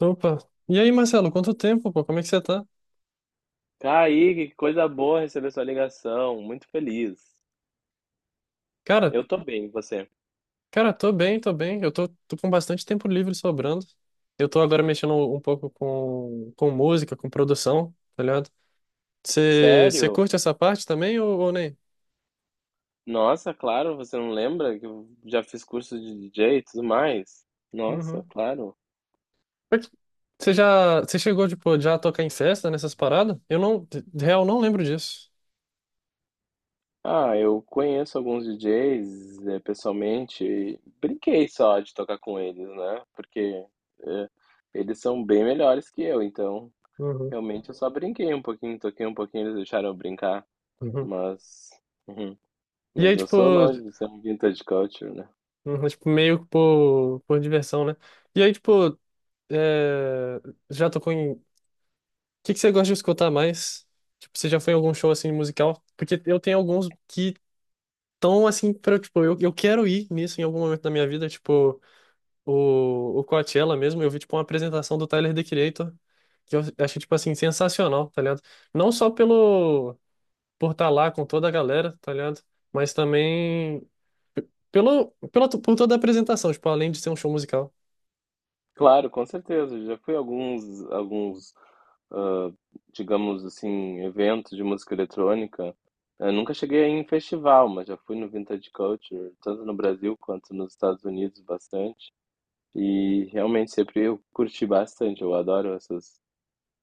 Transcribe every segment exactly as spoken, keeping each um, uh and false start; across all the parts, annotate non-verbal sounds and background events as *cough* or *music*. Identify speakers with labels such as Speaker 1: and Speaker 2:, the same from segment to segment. Speaker 1: Opa. E aí, Marcelo, quanto tempo, pô? Como é que você tá?
Speaker 2: Kaique, que coisa boa receber sua ligação. Muito feliz.
Speaker 1: Cara,
Speaker 2: Eu tô bem, e você?
Speaker 1: cara, tô bem, tô bem. Eu tô, tô com bastante tempo livre sobrando. Eu tô agora mexendo um pouco com, com música, com produção, tá ligado? Você você
Speaker 2: Sério?
Speaker 1: curte essa parte também ou, ou nem?
Speaker 2: Nossa, claro, você não lembra que eu já fiz curso de D J e tudo mais? Nossa,
Speaker 1: Uhum.
Speaker 2: claro.
Speaker 1: Você já, você chegou, tipo, já a tocar em festa nessas paradas? Eu não, de de real, não lembro disso.
Speaker 2: Ah, eu conheço alguns D Js, eh, pessoalmente e brinquei só de tocar com eles, né? Porque eh, eles são bem melhores que eu, então
Speaker 1: Uhum,
Speaker 2: realmente eu só brinquei um pouquinho, toquei um pouquinho, eles deixaram eu brincar,
Speaker 1: uhum.
Speaker 2: mas, *laughs*
Speaker 1: E aí,
Speaker 2: mas eu
Speaker 1: tipo,
Speaker 2: sou longe de ser um vintage culture, né?
Speaker 1: uhum, tipo, meio que por, por diversão, né? E aí, tipo, é, já tocou em, que que você gosta de escutar mais? Tipo, você já foi em algum show assim musical? Porque eu tenho alguns que estão assim para tipo, eu, eu quero ir nisso em algum momento da minha vida, tipo, o, o Coachella mesmo, eu vi tipo uma apresentação do Tyler, The Creator, que eu achei tipo assim sensacional, tá ligado? Não só pelo por estar lá com toda a galera, tá ligado? Mas também pelo, pela, por toda a apresentação, tipo, além de ser um show musical.
Speaker 2: Claro, com certeza. Já fui a alguns, alguns, ah, digamos assim, eventos de música eletrônica. Eu nunca cheguei a ir em festival, mas já fui no Vintage Culture, tanto no Brasil quanto nos Estados Unidos, bastante. E realmente sempre eu curti bastante. Eu adoro essas,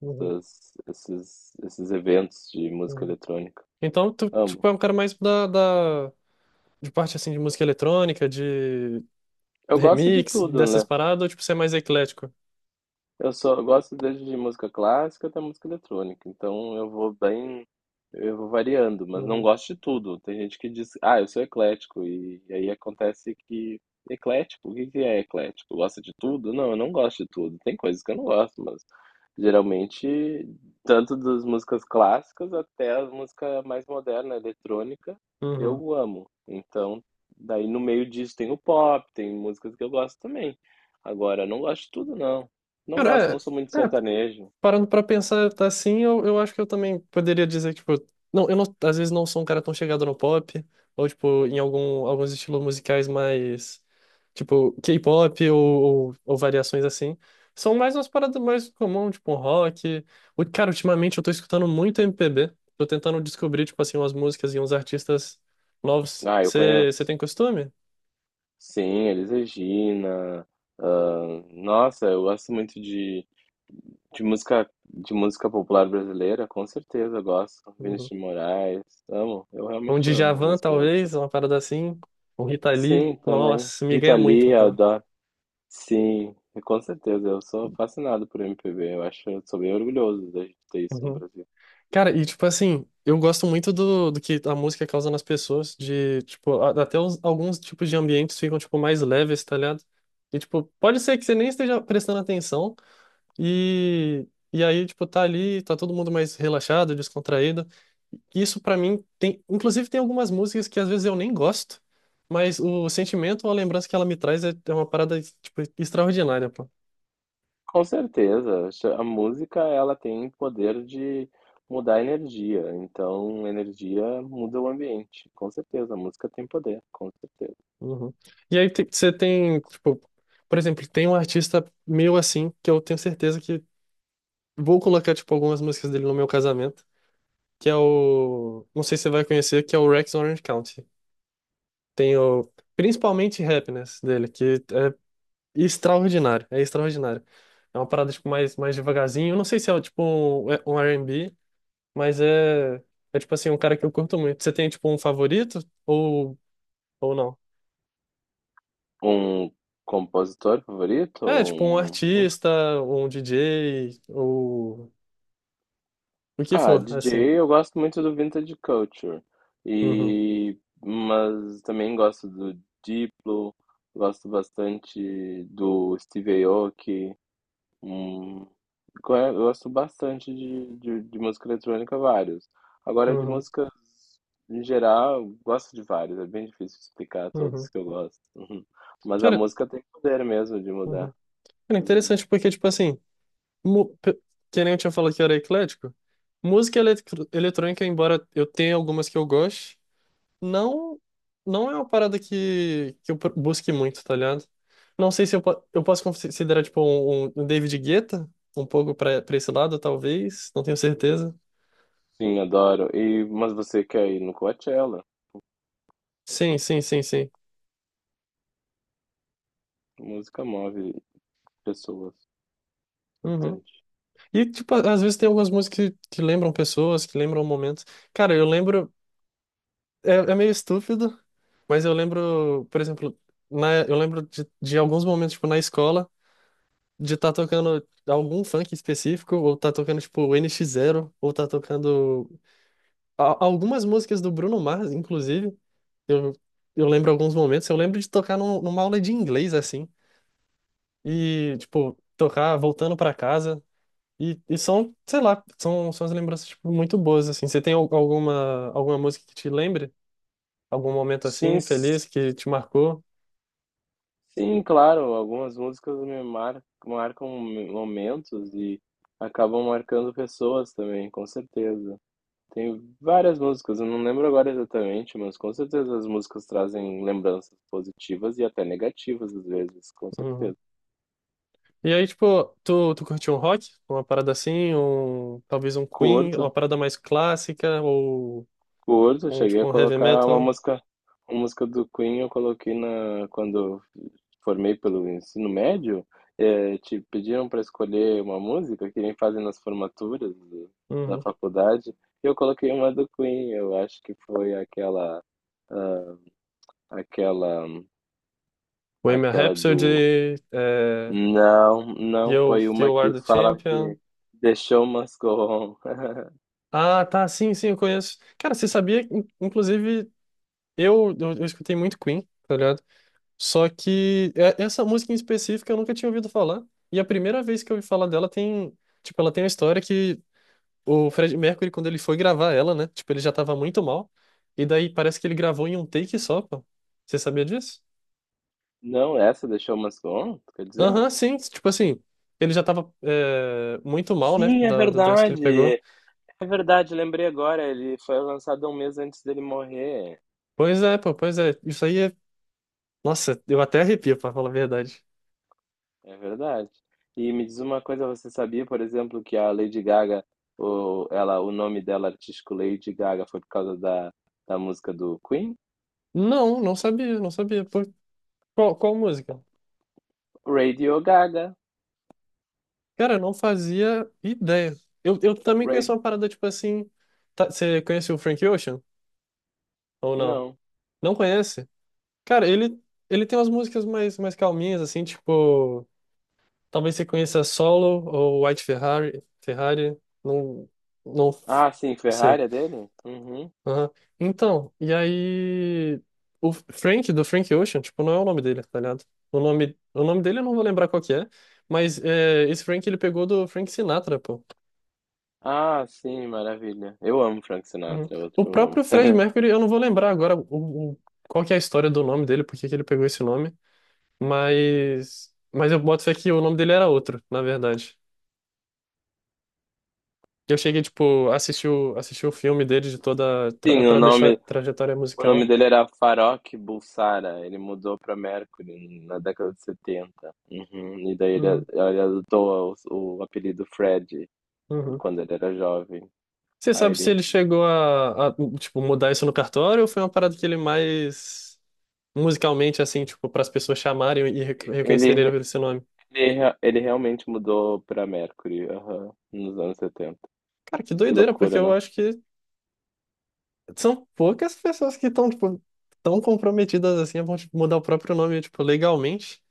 Speaker 1: Uhum,
Speaker 2: essas- esses, esses eventos de música
Speaker 1: uhum.
Speaker 2: eletrônica.
Speaker 1: Então, tu, tipo,
Speaker 2: Amo.
Speaker 1: é um cara mais da, da, de parte, assim, de música eletrônica, de
Speaker 2: Eu gosto de
Speaker 1: Remix,
Speaker 2: tudo,
Speaker 1: dessas
Speaker 2: né?
Speaker 1: paradas, ou tipo, você é mais eclético?
Speaker 2: Eu só gosto desde de música clássica até música eletrônica, então eu vou bem, eu vou variando, mas não
Speaker 1: Uhum.
Speaker 2: gosto de tudo. Tem gente que diz, ah, eu sou eclético, e, e aí acontece que. Eclético? O que que é eclético? Gosta de tudo? Não, eu não gosto de tudo. Tem coisas que eu não gosto, mas geralmente, tanto das músicas clássicas até a música mais moderna, eletrônica,
Speaker 1: Uhum.
Speaker 2: eu amo. Então, daí no meio disso tem o pop, tem músicas que eu gosto também. Agora, eu não gosto de tudo, não. Não gosto,
Speaker 1: Cara,
Speaker 2: não sou muito de
Speaker 1: é, é,
Speaker 2: sertanejo.
Speaker 1: parando pra pensar tá assim, eu, eu acho que eu também poderia dizer que, tipo, não, eu não- às vezes não sou um cara tão chegado no pop, ou, tipo, em algum, alguns estilos musicais mais, tipo, K-pop ou, ou, ou variações assim. São mais umas paradas mais comum, tipo, um rock. O, cara, ultimamente eu tô escutando muito M P B, tô tentando descobrir, tipo, assim, umas músicas e uns artistas novos.
Speaker 2: Ah, eu
Speaker 1: Você
Speaker 2: conheço.
Speaker 1: tem costume?
Speaker 2: Sim, Elis Regina. ah, Nossa, eu gosto muito de, de música de música popular brasileira, com certeza eu gosto. Vinícius
Speaker 1: Uhum.
Speaker 2: de Moraes, amo, eu
Speaker 1: Um
Speaker 2: realmente amo a
Speaker 1: Djavan,
Speaker 2: música.
Speaker 1: talvez, uma parada assim, um Rita Lee.
Speaker 2: Sim, também.
Speaker 1: Nossa, me
Speaker 2: Rita
Speaker 1: ganha
Speaker 2: Lee,
Speaker 1: muito,
Speaker 2: eu
Speaker 1: pô.
Speaker 2: adoro. Sim, com certeza, eu sou fascinado por M P B. Eu acho, eu sou bem orgulhoso da gente ter isso no
Speaker 1: *laughs*
Speaker 2: Brasil.
Speaker 1: Cara, e tipo assim, eu gosto muito do, do que a música causa nas pessoas, de, tipo, a- até os- alguns tipos de ambientes ficam, tipo, mais leves, tá ligado? E, tipo, pode ser que você nem esteja prestando atenção e, e aí, tipo, tá ali, tá todo mundo mais relaxado, descontraído. Isso pra mim tem, inclusive tem algumas músicas que às vezes eu nem gosto, mas o sentimento ou a lembrança que ela me traz é, é uma parada, tipo, extraordinária, pô.
Speaker 2: Com certeza, acho- a música ela tem poder de mudar a energia, então a energia muda o ambiente, com certeza, a música tem poder, com certeza.
Speaker 1: Uhum. E aí te- você tem, tipo, por exemplo, tem um artista meu assim, que eu tenho certeza que vou colocar, tipo, algumas músicas dele no meu casamento, que é o, não sei se você vai conhecer, que é o Rex Orange County. Tem o, principalmente Happiness dele, que é extraordinário, é extraordinário. É uma parada, tipo, mais, mais devagarzinho. Eu não sei se é, tipo, um, é um R e B, mas é, é, tipo assim, um cara que eu curto muito. Você tem, tipo, um favorito ou, ou não?
Speaker 2: Um compositor favorito
Speaker 1: É,
Speaker 2: ou
Speaker 1: tipo um
Speaker 2: um músico?
Speaker 1: artista, um D J, ou o que
Speaker 2: Ah,
Speaker 1: for,
Speaker 2: D J,
Speaker 1: assim.
Speaker 2: eu gosto muito do Vintage Culture,
Speaker 1: Uhum,
Speaker 2: e, mas também gosto do Diplo, gosto bastante do Steve Aoki, um Go- Gosto bastante de, de, de música eletrônica, vários. Agora, de
Speaker 1: uhum,
Speaker 2: músicas em geral, eu gosto de vários. É bem difícil explicar todos
Speaker 1: uhum.
Speaker 2: que eu gosto. *laughs* Mas a
Speaker 1: Cara,
Speaker 2: música tem poder mesmo de mudar.
Speaker 1: uhum. Cara, interessante porque, tipo assim, mu- pe- que nem eu tinha falado que era eclético, música eletro- eletrônica, embora eu tenha algumas que eu goste, não, não é uma parada que, que eu pro- busque muito, tá ligado? Não sei se eu, po- eu posso considerar, tipo, um, um um David Guetta, um pouco pra, pra esse lado, talvez, não tenho certeza.
Speaker 2: Sim, adoro. E, mas você quer ir no Coachella?
Speaker 1: Sim, sim, sim, sim.
Speaker 2: Música move pessoas.
Speaker 1: Uhum.
Speaker 2: Importante.
Speaker 1: E, tipo, às vezes tem algumas músicas que, que lembram pessoas, que lembram momentos. Cara, eu lembro. É, é meio estúpido, mas eu lembro, por exemplo, na, eu lembro de, de alguns momentos, tipo, na escola, de estar tocando algum funk específico, ou tá tocando, tipo, o N X Zero, ou tá tocando a- algumas músicas do Bruno Mars, inclusive. Eu, eu lembro alguns momentos. Eu lembro de tocar num, numa aula de inglês, assim, e, tipo, tocar voltando pra casa. E, e são, sei lá, são, são as lembranças, tipo, muito boas, assim. Você tem al- alguma, alguma música que te lembre? Algum momento,
Speaker 2: Sim,
Speaker 1: assim,
Speaker 2: s-
Speaker 1: feliz, que te marcou?
Speaker 2: sim, claro. Algumas músicas me mar- marcam momentos e acabam marcando pessoas também, com certeza. Tem várias músicas, eu não lembro agora exatamente, mas com certeza as músicas trazem lembranças positivas e até negativas às vezes, com
Speaker 1: Uhum.
Speaker 2: certeza.
Speaker 1: E aí, tipo, tu, tu curtiu um rock? Uma parada assim? Um, talvez um Queen? Uma
Speaker 2: Curto,
Speaker 1: parada mais clássica? Ou,
Speaker 2: curto,
Speaker 1: um
Speaker 2: cheguei a
Speaker 1: tipo, um heavy
Speaker 2: colocar uma
Speaker 1: metal?
Speaker 2: música, uma música do Queen eu coloquei na quando eu formei pelo ensino médio, eh, te pediram para escolher uma música que nem fazem nas formaturas do- da
Speaker 1: Uhum.
Speaker 2: faculdade, e eu coloquei uma do Queen, eu acho que foi aquela aquela
Speaker 1: Bohemian
Speaker 2: aquela do
Speaker 1: Rhapsody? É,
Speaker 2: Não, não
Speaker 1: You,
Speaker 2: foi uma
Speaker 1: You Are
Speaker 2: que
Speaker 1: the
Speaker 2: fala
Speaker 1: Champion?
Speaker 2: que deixou umas com. *laughs*
Speaker 1: Ah, tá, sim, sim, eu conheço. Cara, você sabia, in- inclusive, eu, eu, eu escutei muito Queen, tá ligado? Só que é- essa música em específico eu nunca tinha ouvido falar. E a primeira vez que eu ouvi falar dela tem, tipo, ela tem uma história que o Fred Mercury, quando ele foi gravar ela, né? Tipo, ele já tava muito mal. E daí parece que ele gravou em um take só, pô. Você sabia disso?
Speaker 2: Não, essa deixou umas com, quer dizer?
Speaker 1: Aham, sim. Tipo assim, ele já tava é, muito mal, né?
Speaker 2: Sim, é
Speaker 1: Da, da doença que ele pegou.
Speaker 2: verdade. É verdade, lembrei agora, ele foi lançado um mês antes dele morrer.
Speaker 1: Pois é, pô, pois é. Isso aí é. Nossa, eu até arrepio, pra falar a verdade.
Speaker 2: É verdade. E me diz uma coisa, você sabia, por exemplo, que a Lady Gaga, o, ela, o nome dela artístico Lady Gaga foi por causa da, da música do Queen?
Speaker 1: Não, não sabia, não sabia. Pô, qual, qual música?
Speaker 2: Radio Gaga.
Speaker 1: Cara, eu não fazia ideia. Eu, eu também
Speaker 2: Ra-
Speaker 1: conheço uma parada tipo assim. tá- você conhece o Frank Ocean? Ou não?
Speaker 2: Não.
Speaker 1: Não conhece? Cara, ele, ele tem umas músicas mais, mais calminhas, assim, tipo. Talvez você conheça Solo ou White Ferrari. Ferrari. Não. Não, f-
Speaker 2: Ah, sim,
Speaker 1: não
Speaker 2: Ferrari
Speaker 1: sei.
Speaker 2: é dele? Uhum.
Speaker 1: Aham. Então, e aí. O Frank, do Frank Ocean, tipo, não é o nome dele, tá ligado? O nome, o nome dele eu não vou lembrar qual que é, mas é, esse Frank ele pegou do Frank Sinatra, pô.
Speaker 2: Ah, sim, maravilha. Eu amo Frank
Speaker 1: Uhum.
Speaker 2: Sinatra, é outro
Speaker 1: O
Speaker 2: que eu
Speaker 1: próprio
Speaker 2: amo.
Speaker 1: Fred
Speaker 2: *laughs*
Speaker 1: Mercury, eu não vou lembrar agora o, o- qual que é a história do nome dele, por que que ele pegou esse nome, mas, mas eu boto fé que o nome dele era outro, na verdade. Eu cheguei, tipo, a assistir o, assistir o filme dele de toda a, tra- a
Speaker 2: Sim, o
Speaker 1: tradeixo-
Speaker 2: nome,
Speaker 1: trajetória
Speaker 2: o nome
Speaker 1: musical.
Speaker 2: dele era Farrokh Bulsara. Ele mudou para Mercury na década de setenta. Uhum, e daí ele,
Speaker 1: Uhum,
Speaker 2: ele adotou o, o apelido Fred
Speaker 1: uhum.
Speaker 2: quando ele era jovem.
Speaker 1: Você
Speaker 2: Aí
Speaker 1: sabe se
Speaker 2: ele,
Speaker 1: ele chegou a, a, tipo, mudar isso no cartório ou foi uma parada que ele mais musicalmente, assim, tipo, para as pessoas chamarem e rec- reconhecerem ele
Speaker 2: ele,
Speaker 1: pelo esse nome?
Speaker 2: ele, ele realmente mudou para Mercury, aham, nos anos setenta.
Speaker 1: Cara, que
Speaker 2: Que
Speaker 1: doideira, porque
Speaker 2: loucura,
Speaker 1: eu
Speaker 2: não?
Speaker 1: acho que são poucas pessoas que estão, tipo, tão comprometidas assim, a ponto de mudar o próprio nome, tipo, legalmente.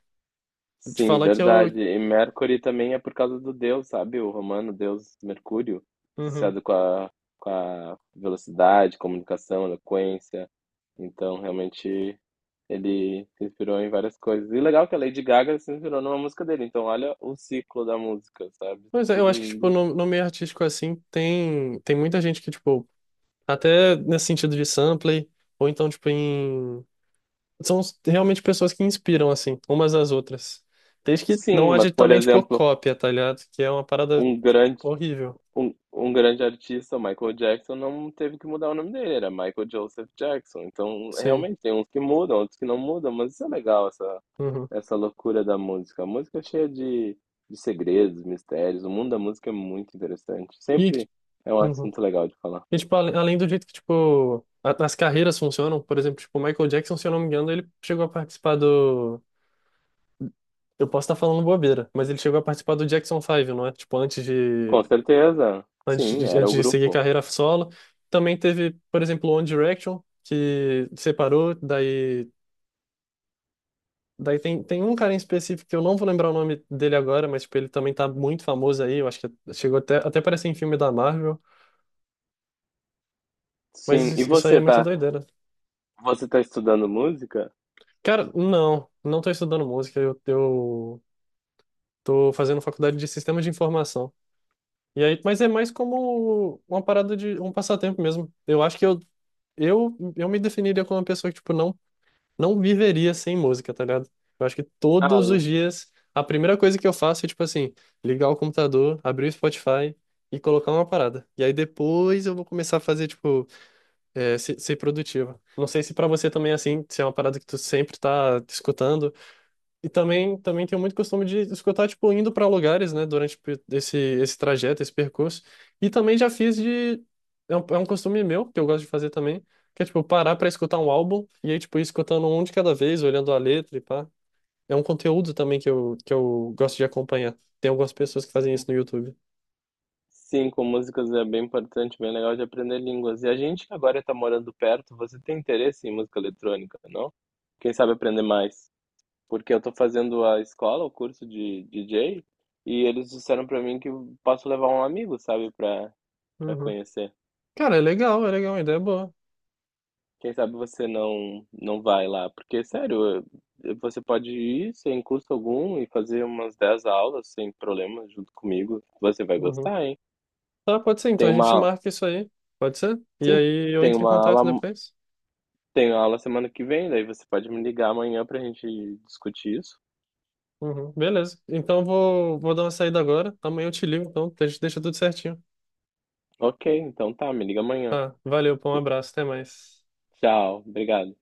Speaker 1: Te
Speaker 2: Sim,
Speaker 1: falar que eu.
Speaker 2: verdade. E Mercury também é por causa do deus, sabe? O romano deus Mercúrio,
Speaker 1: Uhum.
Speaker 2: associado com a, com a velocidade, comunicação, eloquência. Então, realmente, ele se inspirou em várias coisas. E legal que a Lady Gaga se inspirou numa música dele. Então, olha o ciclo da música, sabe?
Speaker 1: Mas eu
Speaker 2: Tudo
Speaker 1: acho que, tipo,
Speaker 2: indo.
Speaker 1: no, no meio artístico assim, tem, tem muita gente que, tipo, até nesse sentido de sample, ou então, tipo, em. São realmente pessoas que inspiram, assim, umas às outras. Desde que
Speaker 2: Sim,
Speaker 1: não
Speaker 2: mas,
Speaker 1: haja
Speaker 2: por
Speaker 1: também, tipo,
Speaker 2: exemplo,
Speaker 1: cópia, tá ligado? Que é uma parada
Speaker 2: um grande
Speaker 1: horrível.
Speaker 2: um, um grande artista, Michael Jackson, não teve que mudar o nome dele, era Michael Joseph Jackson. Então,
Speaker 1: Sim.
Speaker 2: realmente, tem uns que mudam, outros que não mudam, mas isso é legal, essa,
Speaker 1: Uhum.
Speaker 2: essa loucura da música. A música é cheia de, de segredos, mistérios, o mundo da música é muito interessante.
Speaker 1: E.
Speaker 2: Sempre é um
Speaker 1: Uhum.
Speaker 2: assunto legal de falar.
Speaker 1: E, tipo, ale- além do jeito que, tipo, a- as carreiras funcionam, por exemplo, tipo, o Michael Jackson, se eu não me engano, ele chegou a participar do... Eu posso estar falando bobeira, mas ele chegou a participar do Jackson Five, não é? Tipo, antes de,
Speaker 2: Com certeza,
Speaker 1: antes
Speaker 2: sim,
Speaker 1: de,
Speaker 2: era
Speaker 1: antes
Speaker 2: o
Speaker 1: de seguir
Speaker 2: grupo.
Speaker 1: carreira solo. Também teve, por exemplo, o One Direction, que separou, daí... Daí tem, tem um cara em específico que eu não vou lembrar o nome dele agora, mas, tipo, ele também tá muito famoso aí, eu acho que chegou até, até parece em filme da Marvel, mas
Speaker 2: Sim, e
Speaker 1: isso, isso aí é
Speaker 2: você
Speaker 1: muito
Speaker 2: tá,
Speaker 1: doideira.
Speaker 2: você tá estudando música?
Speaker 1: Cara, não, não tô estudando música, eu, eu tô fazendo faculdade de sistema de informação. E aí, mas é mais como uma parada de um passatempo mesmo. Eu acho que eu eu, eu me definiria como uma pessoa que, tipo, não, não viveria sem música, tá ligado? Eu acho que todos
Speaker 2: Ah,
Speaker 1: os dias a primeira coisa que eu faço é, tipo assim, ligar o computador, abrir o Spotify e colocar uma parada. E aí depois eu vou começar a fazer, tipo, é, se- ser, produtivo. Não sei se pra você também é assim, se é uma parada que tu sempre tá escutando e também, também tenho muito costume de escutar, tipo, indo para lugares, né, durante pe- esse, esse trajeto, esse percurso. E também já fiz de. É um, é um costume meu, que eu gosto de fazer também, que é, tipo, parar para escutar um álbum e aí, tipo, ir escutando um de cada vez, olhando a letra e pá. É um conteúdo também que eu, que eu gosto de acompanhar. Tem algumas pessoas que fazem isso no YouTube.
Speaker 2: sim, com músicas é bem importante, bem legal de aprender línguas. E a gente que agora está morando perto, você tem interesse em música eletrônica, não? Quem sabe aprender mais? Porque eu estou fazendo a escola, o curso de D J, e eles disseram para mim que eu posso levar um amigo, sabe, para para
Speaker 1: Uhum.
Speaker 2: conhecer.
Speaker 1: Cara, é legal, é legal, a ideia é boa.
Speaker 2: Quem sabe você não não vai lá, porque sério, eu- você pode ir sem custo algum e fazer umas dez aulas sem problema junto comigo. Você vai
Speaker 1: Uhum.
Speaker 2: gostar, hein?
Speaker 1: Tá, pode ser,
Speaker 2: Tem
Speaker 1: então a gente
Speaker 2: uma,
Speaker 1: marca isso aí. Pode ser? E
Speaker 2: sim,
Speaker 1: aí eu
Speaker 2: tem
Speaker 1: entro em
Speaker 2: uma
Speaker 1: contato
Speaker 2: aula
Speaker 1: depois.
Speaker 2: Tenho aula semana que vem, daí você pode me ligar amanhã pra gente discutir isso?
Speaker 1: Uhum, beleza. Então vou, vou dar uma saída agora. Amanhã eu te ligo, então. A gente deixa tudo certinho.
Speaker 2: Ok, então tá, me liga amanhã.
Speaker 1: Tá, valeu, pô, um abraço, até mais.
Speaker 2: Tchau, obrigado.